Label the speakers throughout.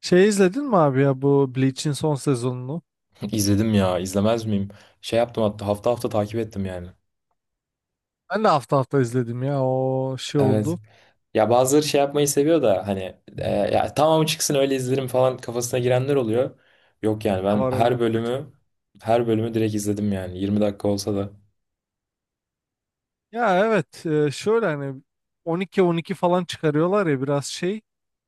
Speaker 1: Şey izledin mi abi ya bu Bleach'in son sezonunu?
Speaker 2: İzledim ya, izlemez miyim? Şey yaptım, hatta hafta hafta takip ettim yani.
Speaker 1: Ben de hafta hafta izledim ya o şey
Speaker 2: Evet.
Speaker 1: oldu.
Speaker 2: Ya, bazıları şey yapmayı seviyor da hani, ya tamam çıksın öyle izlerim falan, kafasına girenler oluyor. Yok yani,
Speaker 1: Ne
Speaker 2: ben
Speaker 1: var
Speaker 2: her
Speaker 1: öyle bir.
Speaker 2: bölümü her bölümü direkt izledim, yani 20 dakika olsa da
Speaker 1: Ya evet, şöyle hani 12-12 falan çıkarıyorlar ya biraz şey.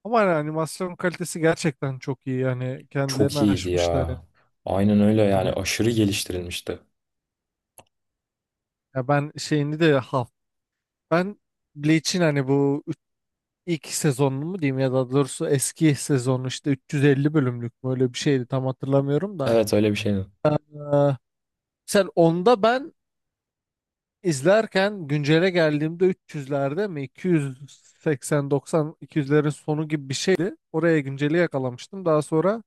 Speaker 1: Ama hani animasyon kalitesi gerçekten çok iyi yani kendilerini
Speaker 2: çok iyiydi ya.
Speaker 1: aşmışlar yani.
Speaker 2: Aynen öyle yani,
Speaker 1: Hani
Speaker 2: aşırı geliştirilmişti.
Speaker 1: ya ben şeyini de ben Bleach'in hani bu ilk sezonunu mu diyeyim ya da doğrusu eski sezonu işte 350 bölümlük mü öyle bir şeydi tam hatırlamıyorum da.
Speaker 2: Evet, öyle bir şeydi.
Speaker 1: Ee, sen onda ben İzlerken güncele geldiğimde 300'lerde mi, 280 90 200'lerin sonu gibi bir şeydi. Oraya günceli yakalamıştım. Daha sonra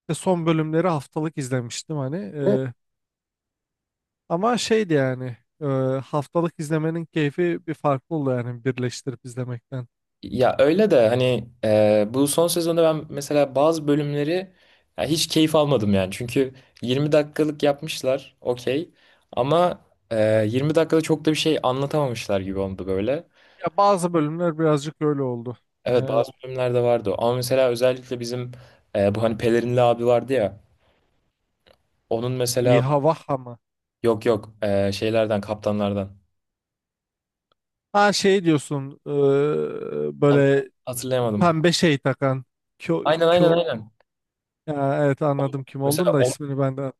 Speaker 1: işte son bölümleri haftalık izlemiştim hani. Ama şeydi yani, haftalık izlemenin keyfi bir farklı oldu yani birleştirip izlemekten.
Speaker 2: Ya öyle de hani, bu son sezonda ben mesela bazı bölümleri ya hiç keyif almadım yani. Çünkü 20 dakikalık yapmışlar, okey, ama 20 dakikada çok da bir şey anlatamamışlar gibi oldu böyle.
Speaker 1: Ya bazı bölümler birazcık öyle oldu.
Speaker 2: Evet,
Speaker 1: Evet.
Speaker 2: bazı bölümlerde vardı o. Ama mesela özellikle bizim, bu hani pelerinli abi vardı ya. Onun mesela,
Speaker 1: İHA VAHA mı?
Speaker 2: yok yok, şeylerden, kaptanlardan.
Speaker 1: Ha şey diyorsun,
Speaker 2: Adını
Speaker 1: böyle
Speaker 2: hatırlayamadım.
Speaker 1: pembe şey takan. Kyo,
Speaker 2: Aynen aynen
Speaker 1: kyo,
Speaker 2: aynen.
Speaker 1: ya evet anladım kim oldun
Speaker 2: Mesela
Speaker 1: da ismini ben de.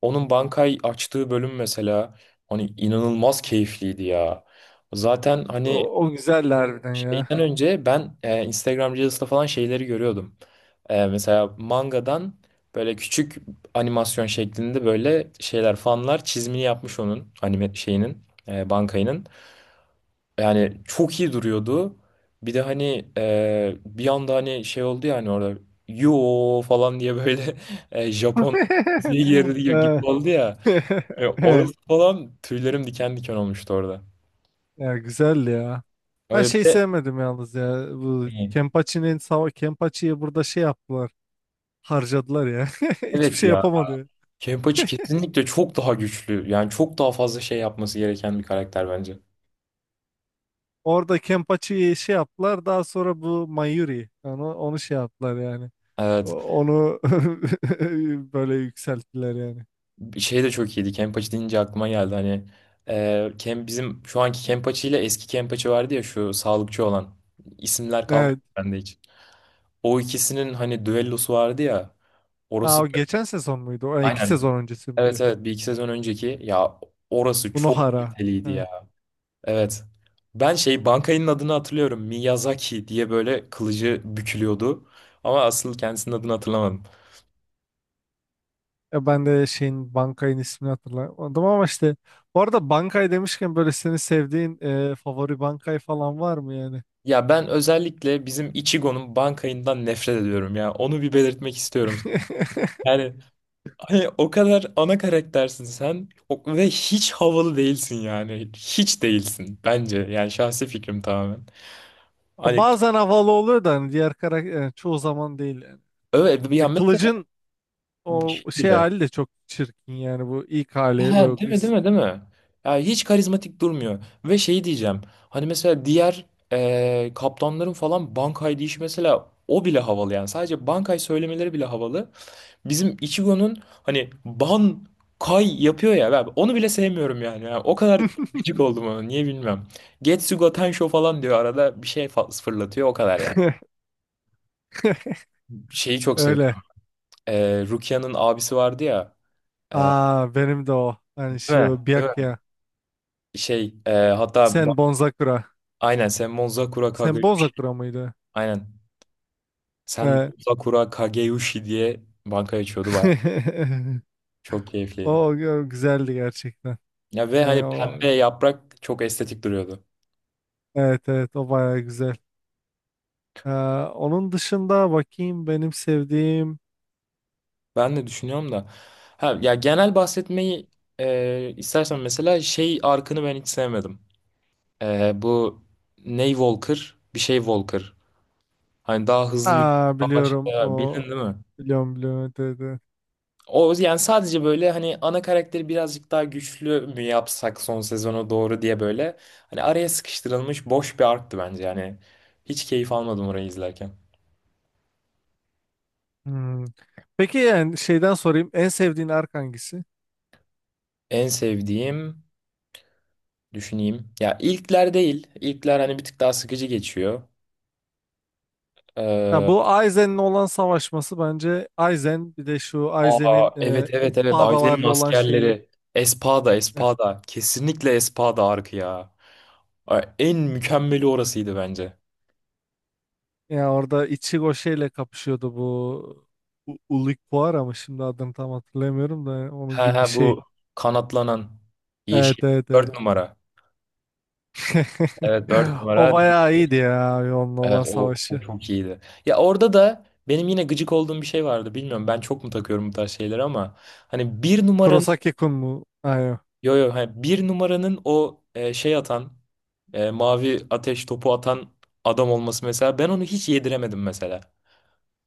Speaker 2: onun bankayı açtığı bölüm mesela hani inanılmaz keyifliydi ya. Zaten hani
Speaker 1: O, o güzeldi harbiden
Speaker 2: şeyden
Speaker 1: ya.
Speaker 2: önce ben, Instagram Reels'ta falan şeyleri görüyordum. Mesela mangadan böyle küçük animasyon şeklinde böyle şeyler, fanlar çizimini yapmış onun anime şeyinin, bankayının. Yani çok iyi duruyordu. Bir de hani, bir anda hani şey oldu ya, hani orada yo falan diye böyle Japon diziye girdi gibi
Speaker 1: Evet.
Speaker 2: oldu ya. Orası falan, tüylerim diken diken olmuştu orada.
Speaker 1: Ya güzeldi ya. Ben
Speaker 2: Öyle bir
Speaker 1: şey
Speaker 2: de,
Speaker 1: sevmedim yalnız ya. Bu Kempachi'nin Kempachi'yi burada şey yaptılar. Harcadılar ya. Hiçbir
Speaker 2: evet
Speaker 1: şey
Speaker 2: ya.
Speaker 1: yapamadı.
Speaker 2: Kenpachi kesinlikle çok daha güçlü. Yani çok daha fazla şey yapması gereken bir karakter bence.
Speaker 1: Orada Kempachi'yi şey yaptılar. Daha sonra bu Mayuri. Onu şey yaptılar yani. O-
Speaker 2: Evet.
Speaker 1: Onu böyle yükselttiler yani.
Speaker 2: Şey de çok iyiydi. Kenpachi deyince aklıma geldi. Hani, bizim şu anki Kenpachi ile eski Kenpachi vardı ya, şu sağlıkçı olan. İsimler kalmadı
Speaker 1: Evet.
Speaker 2: bende hiç. O ikisinin hani düellosu vardı ya.
Speaker 1: Aa,
Speaker 2: Orası
Speaker 1: o geçen sezon muydu? O iki
Speaker 2: aynen.
Speaker 1: sezon öncesi
Speaker 2: Evet
Speaker 1: miydi?
Speaker 2: evet, bir iki sezon önceki ya, orası
Speaker 1: Bu
Speaker 2: çok
Speaker 1: Nohara.
Speaker 2: kaliteliydi ya. Evet. Ben şey bankayının adını hatırlıyorum. Miyazaki diye böyle kılıcı bükülüyordu. Ama asıl kendisinin adını hatırlamadım.
Speaker 1: Ya ben de şeyin Bankay'ın ismini hatırlamadım ama işte bu arada Bankay demişken böyle senin sevdiğin, favori Bankay falan var mı yani?
Speaker 2: Ya, ben özellikle bizim Ichigo'nun bankayından nefret ediyorum ya. Onu bir belirtmek istiyorum. Yani hani o kadar ana karaktersin sen ve hiç havalı değilsin yani. Hiç değilsin bence. Yani, şahsi fikrim tamamen. Hani,
Speaker 1: Bazen havalı oluyor da hani diğer karakter çoğu zaman değil yani.
Speaker 2: evet, bir
Speaker 1: E,
Speaker 2: ya,
Speaker 1: Kılıç'ın o şey
Speaker 2: mesela.
Speaker 1: hali de çok çirkin yani, bu ilk
Speaker 2: He,
Speaker 1: hali böyle
Speaker 2: değil mi, değil
Speaker 1: kız.
Speaker 2: mi, değil mi? Yani hiç karizmatik durmuyor. Ve şey diyeceğim. Hani mesela diğer, kaptanların falan Bankay deyişi mesela, o bile havalı yani. Sadece Bankay söylemeleri bile havalı. Bizim Ichigo'nun hani Bankay yapıyor ya, ben onu bile sevmiyorum yani. Yani o kadar gıcık oldum ona, niye bilmiyorum. Getsugo Tensho falan diyor, arada bir şey fırlatıyor o kadar yani. Şeyi çok
Speaker 1: Öyle.
Speaker 2: seviyorum. Rukia'nın abisi vardı ya. E,
Speaker 1: Aa, benim de o. Hani
Speaker 2: değil mi?
Speaker 1: şu
Speaker 2: Değil mi?
Speaker 1: Byakuya.
Speaker 2: Şey, hatta
Speaker 1: Sen Bonzakura.
Speaker 2: aynen, sen Monzakura
Speaker 1: Sen
Speaker 2: Kageyushi.
Speaker 1: Bonzakura mıydı?
Speaker 2: Aynen. Sen
Speaker 1: Evet.
Speaker 2: Monzakura Kageyushi diye banka açıyordu baya. Çok
Speaker 1: O,
Speaker 2: keyifliydi.
Speaker 1: o güzeldi gerçekten.
Speaker 2: Ya ve
Speaker 1: E,
Speaker 2: hani
Speaker 1: o.
Speaker 2: pembe yaprak çok estetik duruyordu.
Speaker 1: Evet, evet, o baya güzel. Ee, onun dışında bakayım benim sevdiğim.
Speaker 2: Ben de düşünüyorum da. Ha, ya genel bahsetmeyi, istersen mesela şey arkını ben hiç sevmedim. Bu Ney Walker, bir şey Walker. Hani daha hızlı
Speaker 1: Aa,
Speaker 2: yürüyüşten
Speaker 1: biliyorum
Speaker 2: başka bildin
Speaker 1: o.
Speaker 2: değil mi?
Speaker 1: Biliyorum, biliyorum. Evet, evet, evet.
Speaker 2: O yani, sadece böyle hani ana karakteri birazcık daha güçlü mü yapsak son sezona doğru diye böyle, hani araya sıkıştırılmış boş bir arktı bence, yani hiç keyif almadım orayı izlerken.
Speaker 1: Hmm. Peki yani şeyden sorayım, en sevdiğin ark hangisi?
Speaker 2: En sevdiğim, düşüneyim ya, ilkler değil, ilkler hani bir tık daha sıkıcı geçiyor.
Speaker 1: Ya
Speaker 2: Ee,
Speaker 1: bu Aizen'le olan savaşması bence Aizen, bir de şu
Speaker 2: Aa,
Speaker 1: Aizen'in,
Speaker 2: evet evet evet, Aylin'in
Speaker 1: espadalarla olan şeyi.
Speaker 2: askerleri, Espada Espada kesinlikle Espada arkı ya. Ay, en mükemmeli orasıydı bence.
Speaker 1: Ya orada Ichigo şeyle kapışıyordu, bu Ulquiorra, ama şimdi adını tam hatırlamıyorum da,
Speaker 2: He
Speaker 1: onun gibi
Speaker 2: he,
Speaker 1: bir şey.
Speaker 2: bu kanatlanan
Speaker 1: Evet,
Speaker 2: yeşil
Speaker 1: evet, evet.
Speaker 2: 4 numara. Evet, 4
Speaker 1: O
Speaker 2: numara.
Speaker 1: bayağı iyiydi ya abi, onun
Speaker 2: Evet,
Speaker 1: olan
Speaker 2: o
Speaker 1: savaşı.
Speaker 2: çok iyiydi. Ya orada da benim yine gıcık olduğum bir şey vardı. Bilmiyorum, ben çok mu takıyorum bu tarz şeyleri, ama hani bir numaranın
Speaker 1: Kurosaki-kun mu? Aynen.
Speaker 2: yo yo hani bir numaranın o, şey atan, mavi ateş topu atan adam olması mesela, ben onu hiç yediremedim mesela.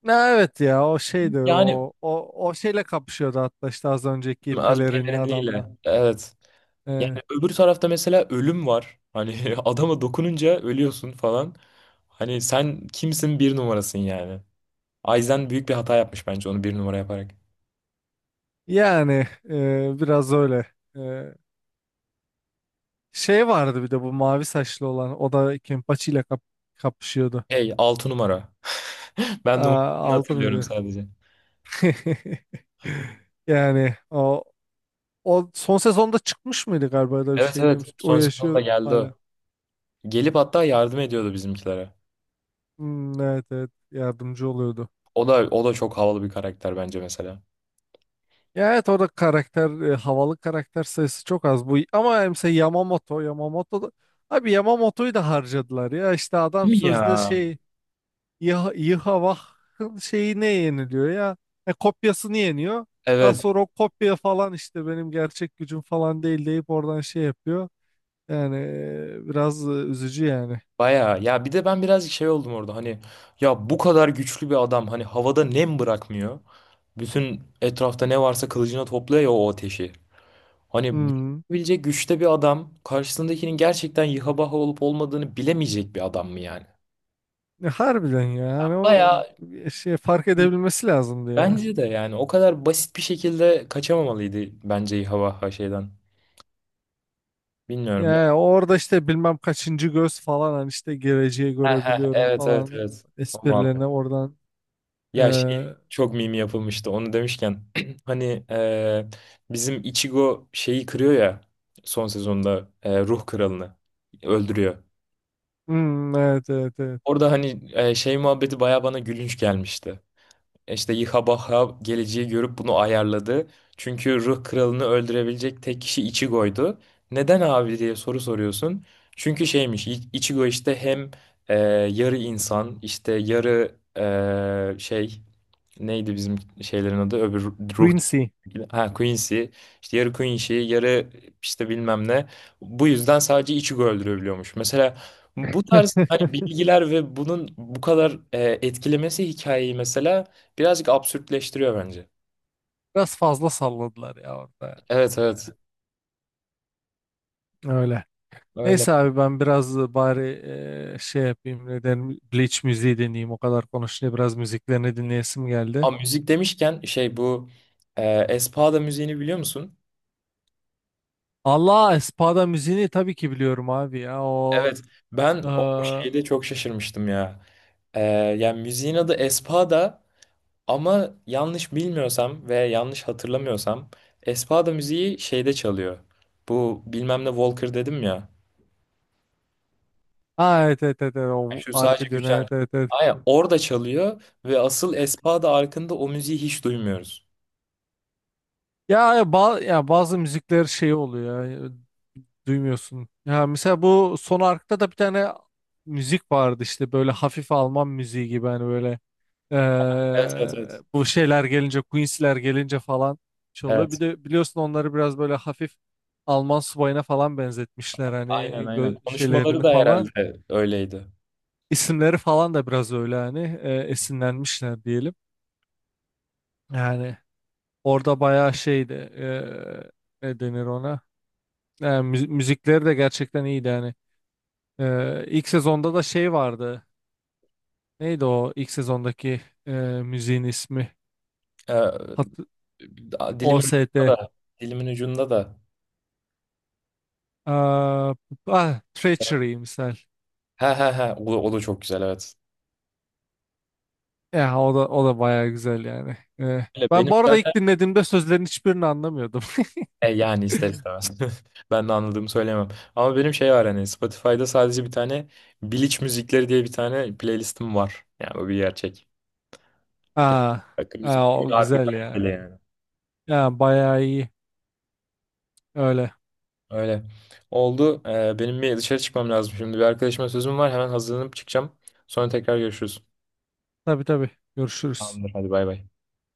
Speaker 1: Ha, evet ya, o şeydi.
Speaker 2: Yani
Speaker 1: O şeyle kapışıyordu, hatta işte az önceki
Speaker 2: az
Speaker 1: pelerinli adamla.
Speaker 2: pelerinliyle. Evet. Yani
Speaker 1: Ee,
Speaker 2: öbür tarafta mesela ölüm var. Hani adama dokununca ölüyorsun falan. Hani sen kimsin, bir numarasın yani. Aizen büyük bir hata yapmış bence onu bir numara yaparak.
Speaker 1: yani, biraz öyle. Ee, şey vardı bir de, bu mavi saçlı olan, o da Kenpachi ile kapışıyordu.
Speaker 2: Hey, 6 numara. Ben
Speaker 1: Aa,
Speaker 2: numarasını
Speaker 1: aldı
Speaker 2: hatırlıyorum
Speaker 1: mıydı?
Speaker 2: sadece.
Speaker 1: Yani o, o son sezonda çıkmış mıydı galiba da bir
Speaker 2: Evet
Speaker 1: şey
Speaker 2: evet,
Speaker 1: demiş. O
Speaker 2: son sezonda
Speaker 1: yaşıyor
Speaker 2: geldi
Speaker 1: hala.
Speaker 2: o. Gelip hatta yardım ediyordu bizimkilere.
Speaker 1: Hmm, evet, evet, yardımcı oluyordu.
Speaker 2: O da o da çok havalı bir karakter bence mesela.
Speaker 1: Ya evet, orada karakter, havalı karakter sayısı çok az bu ama, mesela Yamamoto Yamamoto da, abi Yamamoto'yu da harcadılar ya, işte adam
Speaker 2: Değil mi ya?
Speaker 1: sözde şey, Yıhavah'ın şeyi ne yeniliyor ya, kopyasını yeniyor. Daha
Speaker 2: Evet,
Speaker 1: sonra o kopya falan işte benim gerçek gücüm falan değil deyip oradan şey yapıyor. Yani biraz üzücü yani.
Speaker 2: bayağı. Ya bir de ben birazcık şey oldum orada hani, ya bu kadar güçlü bir adam hani havada nem bırakmıyor. Bütün etrafta ne varsa kılıcına topluyor ya, o ateşi. Hani
Speaker 1: Hmm.
Speaker 2: bilecek güçte bir adam, karşısındakinin gerçekten yıha baha olup olmadığını bilemeyecek bir adam mı yani?
Speaker 1: Ya harbiden ya. Yani onu,
Speaker 2: Bayağı.
Speaker 1: şey fark edebilmesi lazımdı ya.
Speaker 2: Bence de yani o kadar basit bir şekilde kaçamamalıydı bence, İHA şeyden. Bilmiyorum
Speaker 1: Yani
Speaker 2: ya.
Speaker 1: orada işte bilmem kaçıncı göz falan, hani işte geleceği
Speaker 2: Heh heh,
Speaker 1: görebiliyorum
Speaker 2: evet evet
Speaker 1: falan
Speaker 2: evet. O muhabbet.
Speaker 1: esprilerine oradan,
Speaker 2: Ya şey
Speaker 1: eee,
Speaker 2: çok mimi yapılmıştı onu demişken. Hani, e, bizim Ichigo şeyi kırıyor ya son sezonda, ruh kralını öldürüyor.
Speaker 1: hmm, evet, evet, evet.
Speaker 2: Orada hani, şey muhabbeti baya bana gülünç gelmişti. İşte Yihabaha geleceği görüp bunu ayarladı. Çünkü ruh kralını öldürebilecek tek kişi Ichigo'ydu. Neden abi diye soru soruyorsun. Çünkü şeymiş, Ichigo işte hem, e, yarı insan, işte yarı, şey neydi bizim şeylerin adı, öbür ruh,
Speaker 1: Quincy.
Speaker 2: ha Quincy, işte yarı Quincy yarı işte bilmem ne, bu yüzden sadece içi öldürebiliyormuş mesela. Bu tarz hani bilgiler ve bunun bu kadar, etkilemesi hikayeyi mesela, birazcık absürtleştiriyor bence.
Speaker 1: Biraz fazla salladılar ya orada.
Speaker 2: Evet evet,
Speaker 1: Öyle.
Speaker 2: öyle.
Speaker 1: Neyse abi, ben biraz bari şey yapayım, neden Bleach müziği dinleyeyim, o kadar konuşunca biraz müziklerini dinleyesim geldi.
Speaker 2: Ama müzik demişken şey, bu Espada müziğini biliyor musun?
Speaker 1: Allah, Espada müziğini tabii ki biliyorum abi ya, o
Speaker 2: Evet, ben o
Speaker 1: eee,
Speaker 2: şeyde çok şaşırmıştım ya. Yani müziğin adı Espada, ama yanlış bilmiyorsam ve yanlış hatırlamıyorsam Espada müziği şeyde çalıyor. Bu bilmem ne Walker dedim ya.
Speaker 1: ha evet, evet, evet, evet,
Speaker 2: Yani,
Speaker 1: o
Speaker 2: şu sadece
Speaker 1: arka dönüyor,
Speaker 2: güçlen.
Speaker 1: evet, evet, evet.
Speaker 2: Aynen, orada çalıyor ve asıl Espada arkında o müziği hiç duymuyoruz.
Speaker 1: Ya, ya, ya bazı müzikler şey oluyor ya, duymuyorsun. Ya mesela bu son arkta da bir tane müzik vardı, işte böyle hafif Alman müziği gibi hani, böyle
Speaker 2: Evet evet evet.
Speaker 1: bu şeyler gelince, Queen's'ler gelince falan şey oluyor. Bir
Speaker 2: Evet.
Speaker 1: de biliyorsun, onları biraz böyle hafif Alman subayına falan benzetmişler hani,
Speaker 2: Aynen aynen. Konuşmaları
Speaker 1: şeylerini
Speaker 2: da
Speaker 1: falan.
Speaker 2: herhalde öyleydi.
Speaker 1: İsimleri falan da biraz öyle hani, esinlenmişler diyelim. Yani orada bayağı şeydi, ne denir ona? Yani müzikleri de gerçekten iyiydi yani. İlk sezonda da şey vardı. Neydi o ilk sezondaki, müziğin ismi? Hat
Speaker 2: Ee, dilimin ucunda
Speaker 1: OST.
Speaker 2: da. Dilimin ucunda da.
Speaker 1: Aa, ah, Treachery misal.
Speaker 2: He he he. O da çok güzel, evet.
Speaker 1: Ya o da, o da bayağı güzel yani.
Speaker 2: Öyle.
Speaker 1: Ben
Speaker 2: Benim
Speaker 1: bu arada
Speaker 2: zaten.
Speaker 1: ilk dinlediğimde sözlerin hiçbirini anlamıyordum.
Speaker 2: E, yani ister istemez. Ben de anladığımı söyleyemem. Ama benim şey var hani, Spotify'da sadece bir tane, Biliç müzikleri diye bir tane playlistim var. Yani bu bir gerçek. Ge-
Speaker 1: Aa,
Speaker 2: Akım
Speaker 1: aa, o
Speaker 2: müzikleri harbi
Speaker 1: güzel ya.
Speaker 2: kaliteli yani.
Speaker 1: Ya bayağı iyi. Öyle.
Speaker 2: Öyle. Oldu. Benim bir dışarı çıkmam lazım şimdi. Bir arkadaşıma sözüm var. Hemen hazırlanıp çıkacağım. Sonra tekrar görüşürüz.
Speaker 1: Tabii, tabii. Görüşürüz.
Speaker 2: Tamamdır. Hadi bay bay.